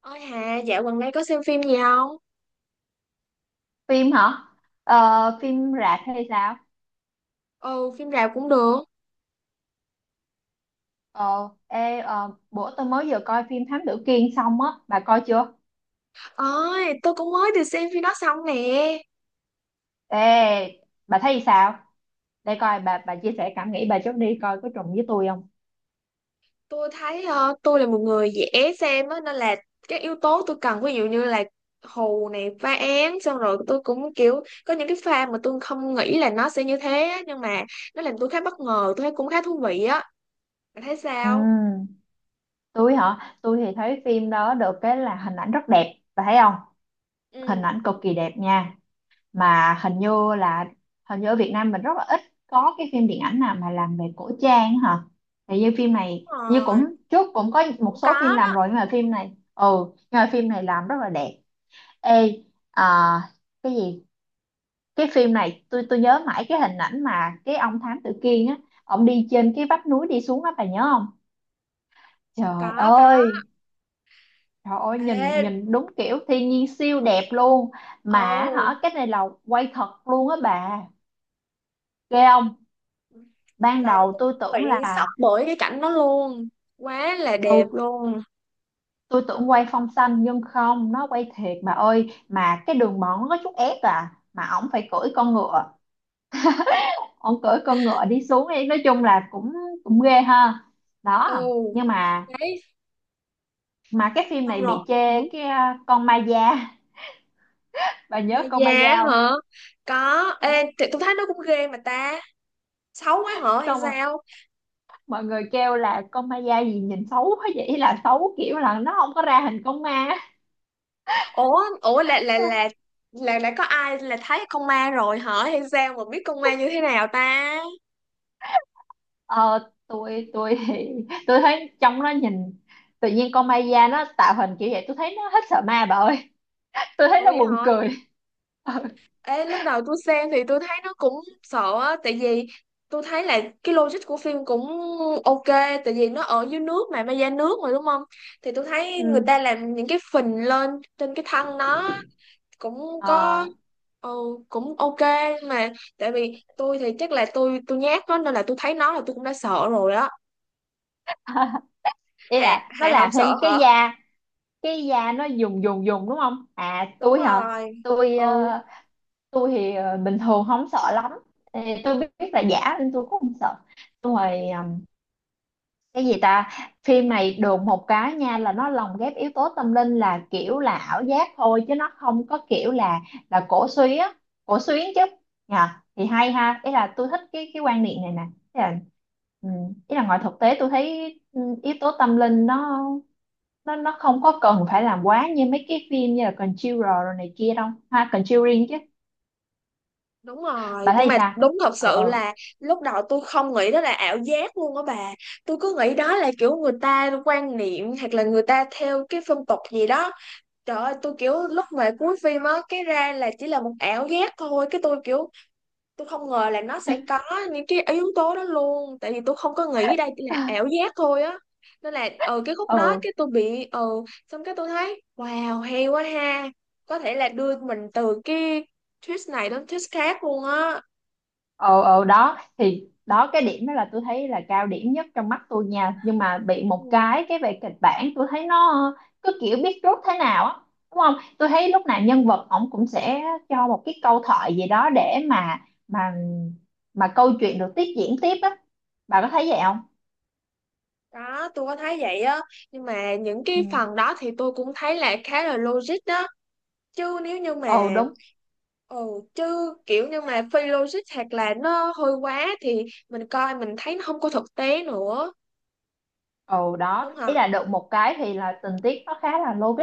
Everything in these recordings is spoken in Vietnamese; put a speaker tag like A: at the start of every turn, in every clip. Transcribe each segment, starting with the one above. A: Ôi Hà, dạo gần đây có xem phim gì không?
B: Phim hả? Phim rạp hay sao?
A: Ừ, phim rạp cũng được.
B: Bữa tôi mới vừa coi phim Thám Tử Kiên xong á, bà coi chưa?
A: Ôi, tôi cũng mới được xem phim đó xong nè.
B: Ê, bà thấy sao? Để coi bà, chia sẻ cảm nghĩ bà trước đi, coi có trùng với tôi không?
A: Tôi thấy tôi là một người dễ xem á, nên là các yếu tố tôi cần, ví dụ như là hù này, phá án, xong rồi tôi cũng kiểu có những cái pha mà tôi không nghĩ là nó sẽ như thế á, nhưng mà nó làm tôi khá bất ngờ, tôi thấy cũng khá thú vị á. Bạn thấy sao?
B: Ừ, tôi hả? Tôi thì thấy phim đó được cái là hình ảnh rất đẹp, bà thấy không?
A: Ừ,
B: Hình
A: đúng
B: ảnh cực kỳ đẹp nha. Mà hình như là Hình như ở Việt Nam mình rất là ít có cái phim điện ảnh nào mà làm về cổ trang hả. Thì như phim này, như
A: rồi,
B: cũng trước cũng có một
A: cũng
B: số phim
A: có
B: làm
A: đó.
B: rồi, nhưng mà phim này, ừ nhưng mà phim này làm rất là đẹp. Ê, à, cái gì? Cái phim này tôi nhớ mãi cái hình ảnh mà cái ông thám tử Kiên á, ông đi trên cái vách núi đi xuống á, bà nhớ không? Trời
A: Có, có.
B: ơi, trời ơi,
A: Ê,
B: nhìn nhìn đúng kiểu thiên nhiên siêu đẹp luôn. Mà
A: ồ.
B: hả, cái này là quay thật luôn á bà, ghê không? Ban
A: Trời ơi,
B: đầu
A: tôi
B: tôi tưởng
A: bị sốc
B: là,
A: bởi cái cảnh đó luôn. Quá là đẹp
B: ừ,
A: luôn.
B: tôi tưởng quay phong xanh, nhưng không, nó quay thiệt bà ơi, mà cái đường mòn nó có chút ép à, mà ổng phải cưỡi con ngựa, ổng cưỡi con ngựa đi xuống ấy. Nói chung là cũng, cũng ghê ha.
A: Ừ,
B: Đó, nhưng mà,
A: đấy,
B: cái phim
A: xong
B: này
A: rồi.
B: bị
A: Ừ.
B: chê cái à, con ma da. Bà
A: Mà
B: nhớ con
A: già
B: ma da không?
A: hả? Có.
B: Ừ,
A: Ê, thì tôi thấy nó cũng ghê mà ta. Xấu quá hả hay
B: xong rồi
A: sao?
B: mọi người kêu là con ma da gì nhìn xấu quá vậy, là xấu kiểu là nó không có ra hình con ma.
A: Ủa, ủa là là đã có ai là thấy con ma rồi hả hay sao mà biết con ma như thế nào ta?
B: Ờ, tôi thì tôi thấy trong nó nhìn tự nhiên, con Maya nó tạo hình kiểu vậy tôi thấy nó hết sợ ma bà ơi. Tôi thấy
A: Ủa
B: nó
A: vậy
B: buồn
A: hả?
B: cười. Ừ.
A: Ê, lúc đầu tôi xem thì tôi thấy nó cũng sợ á, tại vì tôi thấy là cái logic của phim cũng ok, tại vì nó ở dưới nước mà, ma da nước mà đúng không? Thì tôi thấy
B: Ừ.
A: người ta làm những cái phình lên trên cái thân nó cũng có
B: Ờ,
A: ừ, cũng ok mà tại vì tôi thì chắc là tôi nhát đó nên là tôi thấy nó là tôi cũng đã sợ rồi đó.
B: ý
A: Hạ
B: là nó
A: Hạ không
B: làm
A: sợ
B: thêm cái
A: hả?
B: da, cái da nó dùng dùng dùng đúng không? À,
A: Đúng
B: tôi hả?
A: rồi.
B: Tôi,
A: Ừ.
B: ờ, tôi thì ờ, bình thường không sợ lắm. Ê, tôi biết là giả nên tôi cũng không sợ. Xong rồi cái gì ta? Phim này đồn một cái nha, là nó lồng ghép yếu tố tâm linh là kiểu là ảo giác thôi, chứ nó không có kiểu là cổ suý á, cổ xuyến chứ, nhờ. Thì hay ha, ý là tôi thích cái quan niệm này nè. Ý là, ừ, ý là ngoài thực tế tôi thấy ừ, yếu tố tâm linh nó, nó không có cần phải làm quá như mấy cái phim như là Conjurer rồi này kia đâu ha, Conjuring chứ.
A: Đúng rồi
B: Bà
A: nhưng
B: thấy
A: mà
B: sao?
A: đúng thật
B: ừ
A: sự
B: ừ
A: là lúc đầu tôi không nghĩ đó là ảo giác luôn á bà, tôi cứ nghĩ đó là kiểu người ta quan niệm hoặc là người ta theo cái phong tục gì đó. Trời ơi tôi kiểu lúc mà cuối phim á cái ra là chỉ là một ảo giác thôi cái tôi kiểu tôi không ngờ là nó sẽ có những cái yếu tố đó luôn, tại vì tôi không có nghĩ đây chỉ là ảo giác thôi á, nên là cái khúc đó
B: Ừ.
A: cái tôi bị xong cái tôi thấy wow hay quá ha, có thể là đưa mình từ cái twist này đến twist khác luôn á.
B: Ờ, đó thì đó, cái điểm đó là tôi thấy là cao điểm nhất trong mắt tôi nha. Nhưng mà bị một
A: Ừ,
B: cái, về kịch bản tôi thấy nó cứ kiểu biết rút thế nào á, đúng không? Tôi thấy lúc nào nhân vật ổng cũng sẽ cho một cái câu thoại gì đó để mà mà câu chuyện được tiếp diễn tiếp á, bà có thấy vậy không?
A: đó, tôi có thấy vậy á nhưng mà những
B: Ừ.
A: cái phần đó thì tôi cũng thấy là khá là logic đó, chứ nếu như
B: Ừ
A: mà
B: đúng.
A: ồ chứ kiểu như mà phi logic hoặc là nó hơi quá thì mình coi mình thấy nó không có thực tế nữa
B: Ồ đó,
A: đúng
B: ý
A: không.
B: là được một cái thì là tình tiết nó khá là logic,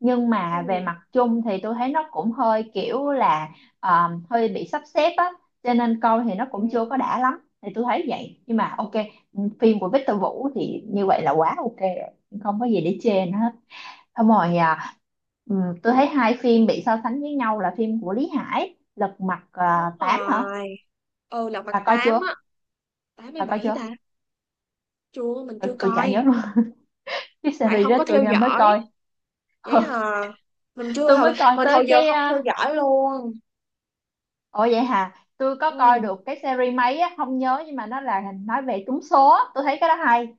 B: nhưng
A: ừ,
B: mà về mặt chung thì tôi thấy nó cũng hơi kiểu là, ờ, hơi bị sắp xếp á, cho nên coi thì nó cũng chưa
A: ừ,
B: có đã lắm, thì tôi thấy vậy. Nhưng mà ok, phim của Victor Vũ thì như vậy là quá ok rồi, không có gì để chê nữa hết. Xong rồi à, tôi thấy hai phim bị so sánh với nhau là phim của Lý Hải Lật Mặt
A: Đúng
B: 8 hả.
A: rồi. Ừ Lật Mặt
B: Bà coi
A: Tám
B: chưa?
A: á. tám mươi
B: bà coi
A: bảy
B: chưa
A: ta? Chưa, mình
B: tôi,
A: chưa
B: chả
A: coi,
B: nhớ luôn. Cái
A: tại
B: series
A: không
B: đó
A: có
B: tôi
A: theo
B: mới
A: dõi.
B: coi.
A: Vậy hả? Mình chưa,
B: Tôi mới
A: hồi
B: coi
A: mình hồi
B: tới
A: giờ
B: cái
A: không theo
B: à,
A: dõi luôn.
B: ồ vậy hả, tôi có coi
A: Ừ.
B: được cái series mấy á không nhớ, nhưng mà nó là nói về trúng số á. Tôi thấy cái đó hay.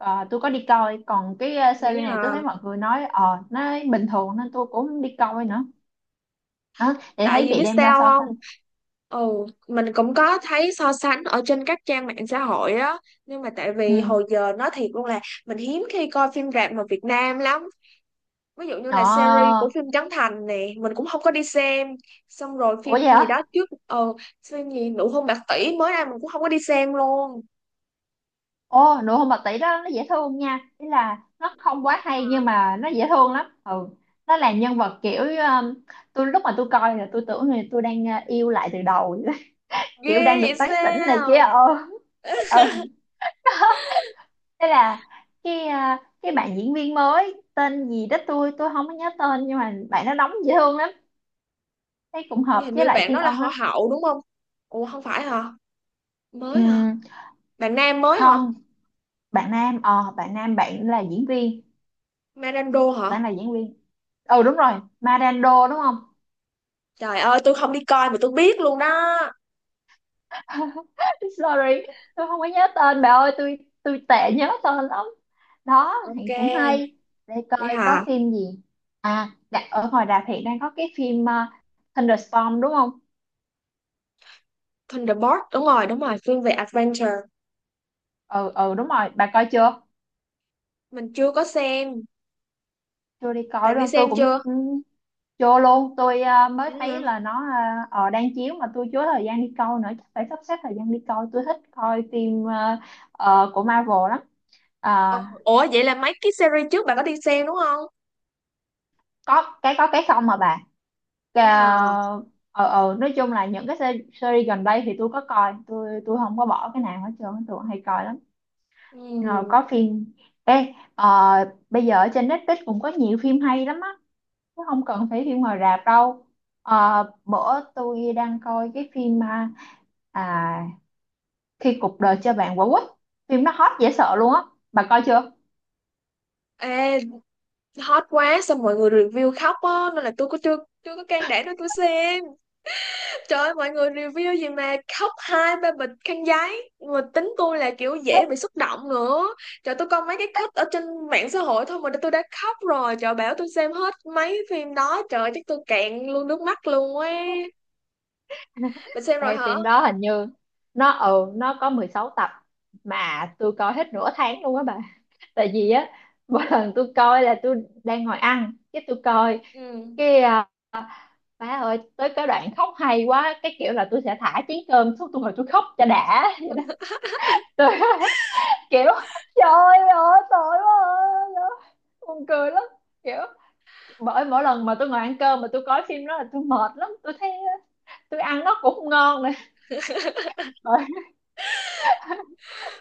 B: Ờ, tôi có đi coi. Còn cái à,
A: Vậy
B: series này tôi thấy
A: hả?
B: mọi người nói ờ nó bình thường nên tôi cũng không đi coi nữa. Đó, để
A: Tại
B: thấy
A: vì
B: bị
A: biết
B: đem ra
A: sao
B: so sánh.
A: không? Ồ, mình cũng có thấy so sánh ở trên các trang mạng xã hội á, nhưng mà tại
B: Ừ.
A: vì hồi giờ nói thiệt luôn là mình hiếm khi coi phim rạp mà Việt Nam lắm, ví dụ như là series
B: Ờ.
A: của phim Trấn Thành nè mình cũng không có đi xem, xong rồi
B: Ủa
A: phim
B: vậy
A: gì
B: hả?
A: đó trước phim gì Nụ hôn bạc tỷ mới ra mình cũng không có đi xem luôn.
B: Ồ, nụ hôn bạc tỷ đó nó dễ thương nha, ý là nó không quá hay nhưng
A: À,
B: mà nó dễ thương lắm. Ừ, nó là nhân vật kiểu tôi lúc mà tôi coi là tôi tưởng là tôi đang yêu lại từ đầu.
A: ghê
B: Kiểu đang được
A: vậy
B: tán tỉnh này kia.
A: sao?
B: Ờ, ừ. Thế là cái à, cái bạn diễn viên mới tên gì đó tôi không có nhớ tên, nhưng mà bạn nó đóng dễ thương lắm, thấy cũng hợp
A: Hình
B: với
A: như
B: lại
A: bạn
B: Thiên
A: đó là
B: Ân
A: họ
B: lắm.
A: Hậu đúng không? Ủa không phải hả? Mới hả?
B: Ừm,
A: Bạn Nam mới hả?
B: không, bạn nam, bạn là diễn viên,
A: Marando hả?
B: bạn là diễn viên ừ đúng rồi, Marando đúng không?
A: Trời ơi, tôi không đi coi mà tôi biết luôn đó.
B: Sorry, tôi không có nhớ tên bà ơi, tôi tệ nhớ tên lắm. Đó,
A: Ok,
B: thì cũng hay. Để
A: vậy
B: coi có
A: hả?
B: phim gì. À, đã, ở ngoài rạp hiện đang có cái phim Thunderstorm đúng không?
A: Thunderbolt, đúng rồi, Phương về Adventure.
B: Ừ, ừ đúng rồi, bà coi chưa?
A: Mình chưa có xem.
B: Chưa đi coi
A: Bạn
B: đúng
A: đi
B: không? Tôi
A: xem
B: cũng
A: chưa?
B: ừ, chưa luôn. Tôi ờ, mới
A: Vậy hả?
B: thấy là nó ờ, đang chiếu mà tôi chưa có thời gian đi coi nữa. Chắc phải sắp xếp thời gian đi coi. Tôi thích coi phim ờ, của Marvel lắm. Ờ,
A: Ờ, ủa, vậy là mấy cái series trước bạn có đi xem đúng không?
B: có cái không mà bà.
A: Vậy hả?
B: Cà- nói chung là những cái series gần đây thì tôi có coi, tôi không có bỏ cái nào hết trơn, tôi hay coi lắm. Rồi
A: Ừ.
B: có phim ê bây giờ ở trên Netflix cũng có nhiều phim hay lắm á, chứ không cần phải phim ngoài rạp đâu. Ờ, bữa tôi đang coi cái phim à, Khi cuộc đời cho bạn quả quýt, phim nó hot dễ sợ luôn á, bà coi chưa?
A: Ê, hot quá, xong mọi người review khóc á, nên là tôi có chưa, chưa có can đảm để tôi xem. Trời ơi, mọi người review gì mà khóc hai ba bịch khăn giấy mà tính tôi là kiểu dễ bị xúc động nữa, trời tôi coi mấy cái cut ở trên mạng xã hội thôi mà tôi đã khóc rồi, trời bảo tôi xem hết mấy phim đó trời chắc tôi cạn luôn nước mắt luôn ấy. Bạn xem rồi
B: Ê,
A: hả?
B: phim đó hình như nó ừ nó có 16 tập, mà tôi coi hết nửa tháng luôn á bà. Tại vì á, mỗi lần tôi coi là tôi đang ngồi ăn cái tôi coi
A: Ừ.
B: cái à, má ơi, tới cái đoạn khóc hay quá cái kiểu là tôi sẽ thả chén cơm xuống, tôi ngồi tôi khóc cho đã. Vậy đó. Tôi kiểu trời ơi tội quá à." Buồn cười lắm, kiểu bởi mỗi lần mà tôi ngồi ăn cơm mà tôi coi phim đó là tôi mệt lắm, tôi thấy tôi ăn nó cũng không ngon nữa.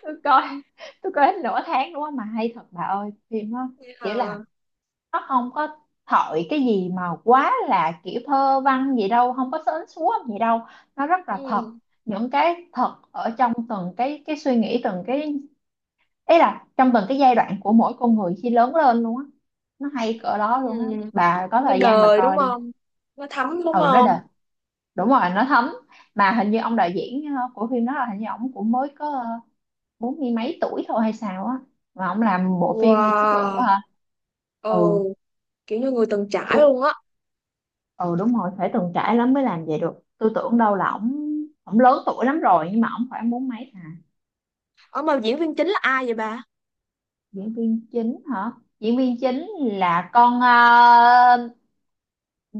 B: tôi coi tôi coi hết nửa tháng đúng không, mà hay thật bà ơi phim đó.
A: Vậy hả?
B: Kiểu là nó không có thổi cái gì mà quá là kiểu thơ văn gì đâu, không có sến súa gì đâu, nó rất là thật.
A: ừ
B: Những cái thật ở trong từng cái suy nghĩ, từng cái ý là trong từng cái giai đoạn của mỗi con người khi lớn lên luôn á. Nó hay cỡ
A: ừ
B: đó luôn á, bà có
A: nó
B: thời gian bà
A: đời đúng
B: coi đi.
A: không? Nó thấm đúng
B: Ừ, nó
A: không?
B: đệt, đúng rồi nó thấm. Mà hình như ông đạo diễn ờ, của phim đó là hình như ổng cũng mới có ờ, bốn mươi mấy tuổi thôi hay sao á, mà ông làm bộ phim với chất lượng
A: Wow,
B: quá hả. Ừ,
A: ồ, kiểu như người từng trải
B: tôi
A: luôn á.
B: ừ đúng rồi, phải từng trải lắm mới làm vậy được. Tôi tưởng đâu là ổng, lớn tuổi lắm rồi, nhưng mà ổng khoảng bốn mấy à.
A: Ở mà diễn viên chính là ai vậy bà?
B: Diễn viên chính hả? Diễn viên chính là con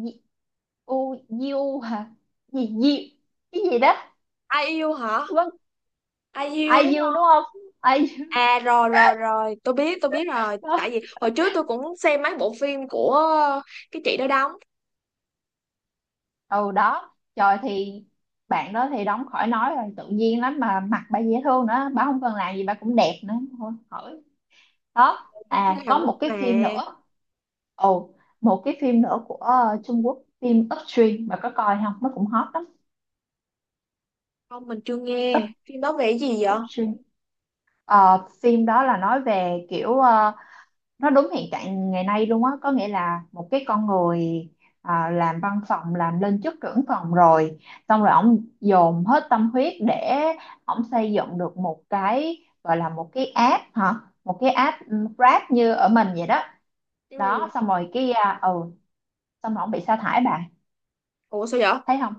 B: Di- u Diu hả, gì Diu, cái gì đó.
A: Ai yêu hả?
B: Vâng,
A: Ai yêu đúng.
B: IU đúng không? Ai?
A: À rồi rồi rồi, tôi biết rồi, tại vì hồi trước tôi cũng xem mấy bộ phim của cái chị đó đóng.
B: Ừ, đó trời thì bạn đó thì đóng khỏi nói rồi, tự nhiên lắm, mà mặt bà dễ thương nữa, bà không cần làm gì bà cũng đẹp nữa, thôi khỏi. Đó
A: Phim
B: à,
A: Hàn
B: có một
A: Quốc
B: cái phim
A: mà.
B: nữa, ồ, một cái phim nữa của ờ, Trung Quốc, phim Upstream, bà có coi không, nó cũng hot lắm.
A: Không, mình chưa nghe. Phim đó về cái gì vậy?
B: Upstream. Ờ, phim đó là nói về kiểu ờ, nó đúng hiện trạng ngày nay luôn á, có nghĩa là một cái con người à, làm văn phòng làm lên chức trưởng phòng rồi, xong rồi ổng dồn hết tâm huyết để ổng xây dựng được một cái gọi là một cái app hả, một cái app Grab như ở mình vậy đó.
A: Ừ.
B: Đó, xong rồi cái à, ừ, xong rồi ổng bị sa thải bà
A: Ủa sao vậy?
B: thấy không.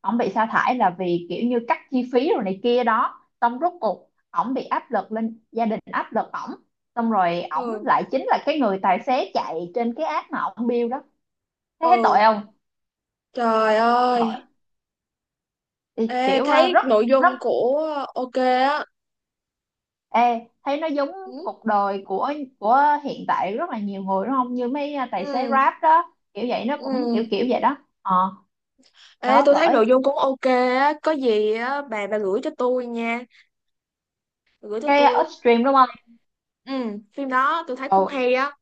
B: Ổng bị sa thải là vì kiểu như cắt chi phí rồi này kia đó, xong rốt cuộc ổng bị áp lực lên gia đình, áp lực ổng, xong rồi ổng
A: Ừ.
B: lại chính là cái người tài xế chạy trên cái app mà ổng build đó. Thế thấy tội
A: Ừ.
B: không?
A: Trời ơi.
B: Bởi thì
A: Ê
B: kiểu ờ,
A: thấy
B: rất
A: nội dung
B: rất
A: của ok á.
B: ê thấy nó giống
A: Ừ.
B: cuộc đời của hiện tại rất là nhiều người đúng không, như mấy ờ, tài xế
A: Ừ.
B: Grab đó kiểu vậy, nó cũng kiểu
A: Ừ.
B: kiểu vậy đó. Ờ,
A: Ê
B: đó
A: tôi thấy nội
B: bởi,
A: dung cũng ok á, có gì á bà gửi cho tôi nha, bà gửi cho
B: cái
A: tôi.
B: Upstream đúng không.
A: Ừ, phim đó tôi thấy cũng
B: Ừ,
A: hay á.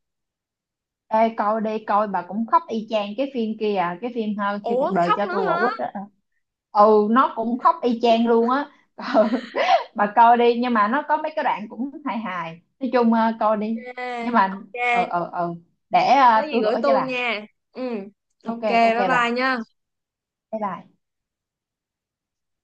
B: ê coi đi, coi bà cũng khóc y chang cái phim kia à, cái phim ha, khi cuộc
A: Ủa
B: đời
A: khóc
B: cho
A: nữa
B: tôi quả
A: hả?
B: quýt á. Ừ, nó cũng khóc y chang luôn á. Ừ, bà coi đi, nhưng mà nó có mấy cái đoạn cũng hài hài, nói chung ờ, coi đi, nhưng
A: Ok.
B: mà ờ
A: Ok.
B: ờ ờ để
A: Có
B: ờ,
A: gì
B: tôi
A: gửi
B: gửi cho
A: tôi
B: bà.
A: nha. Ừ,
B: Ok
A: ok
B: ok
A: bye
B: bà,
A: bye nha.
B: bye bye.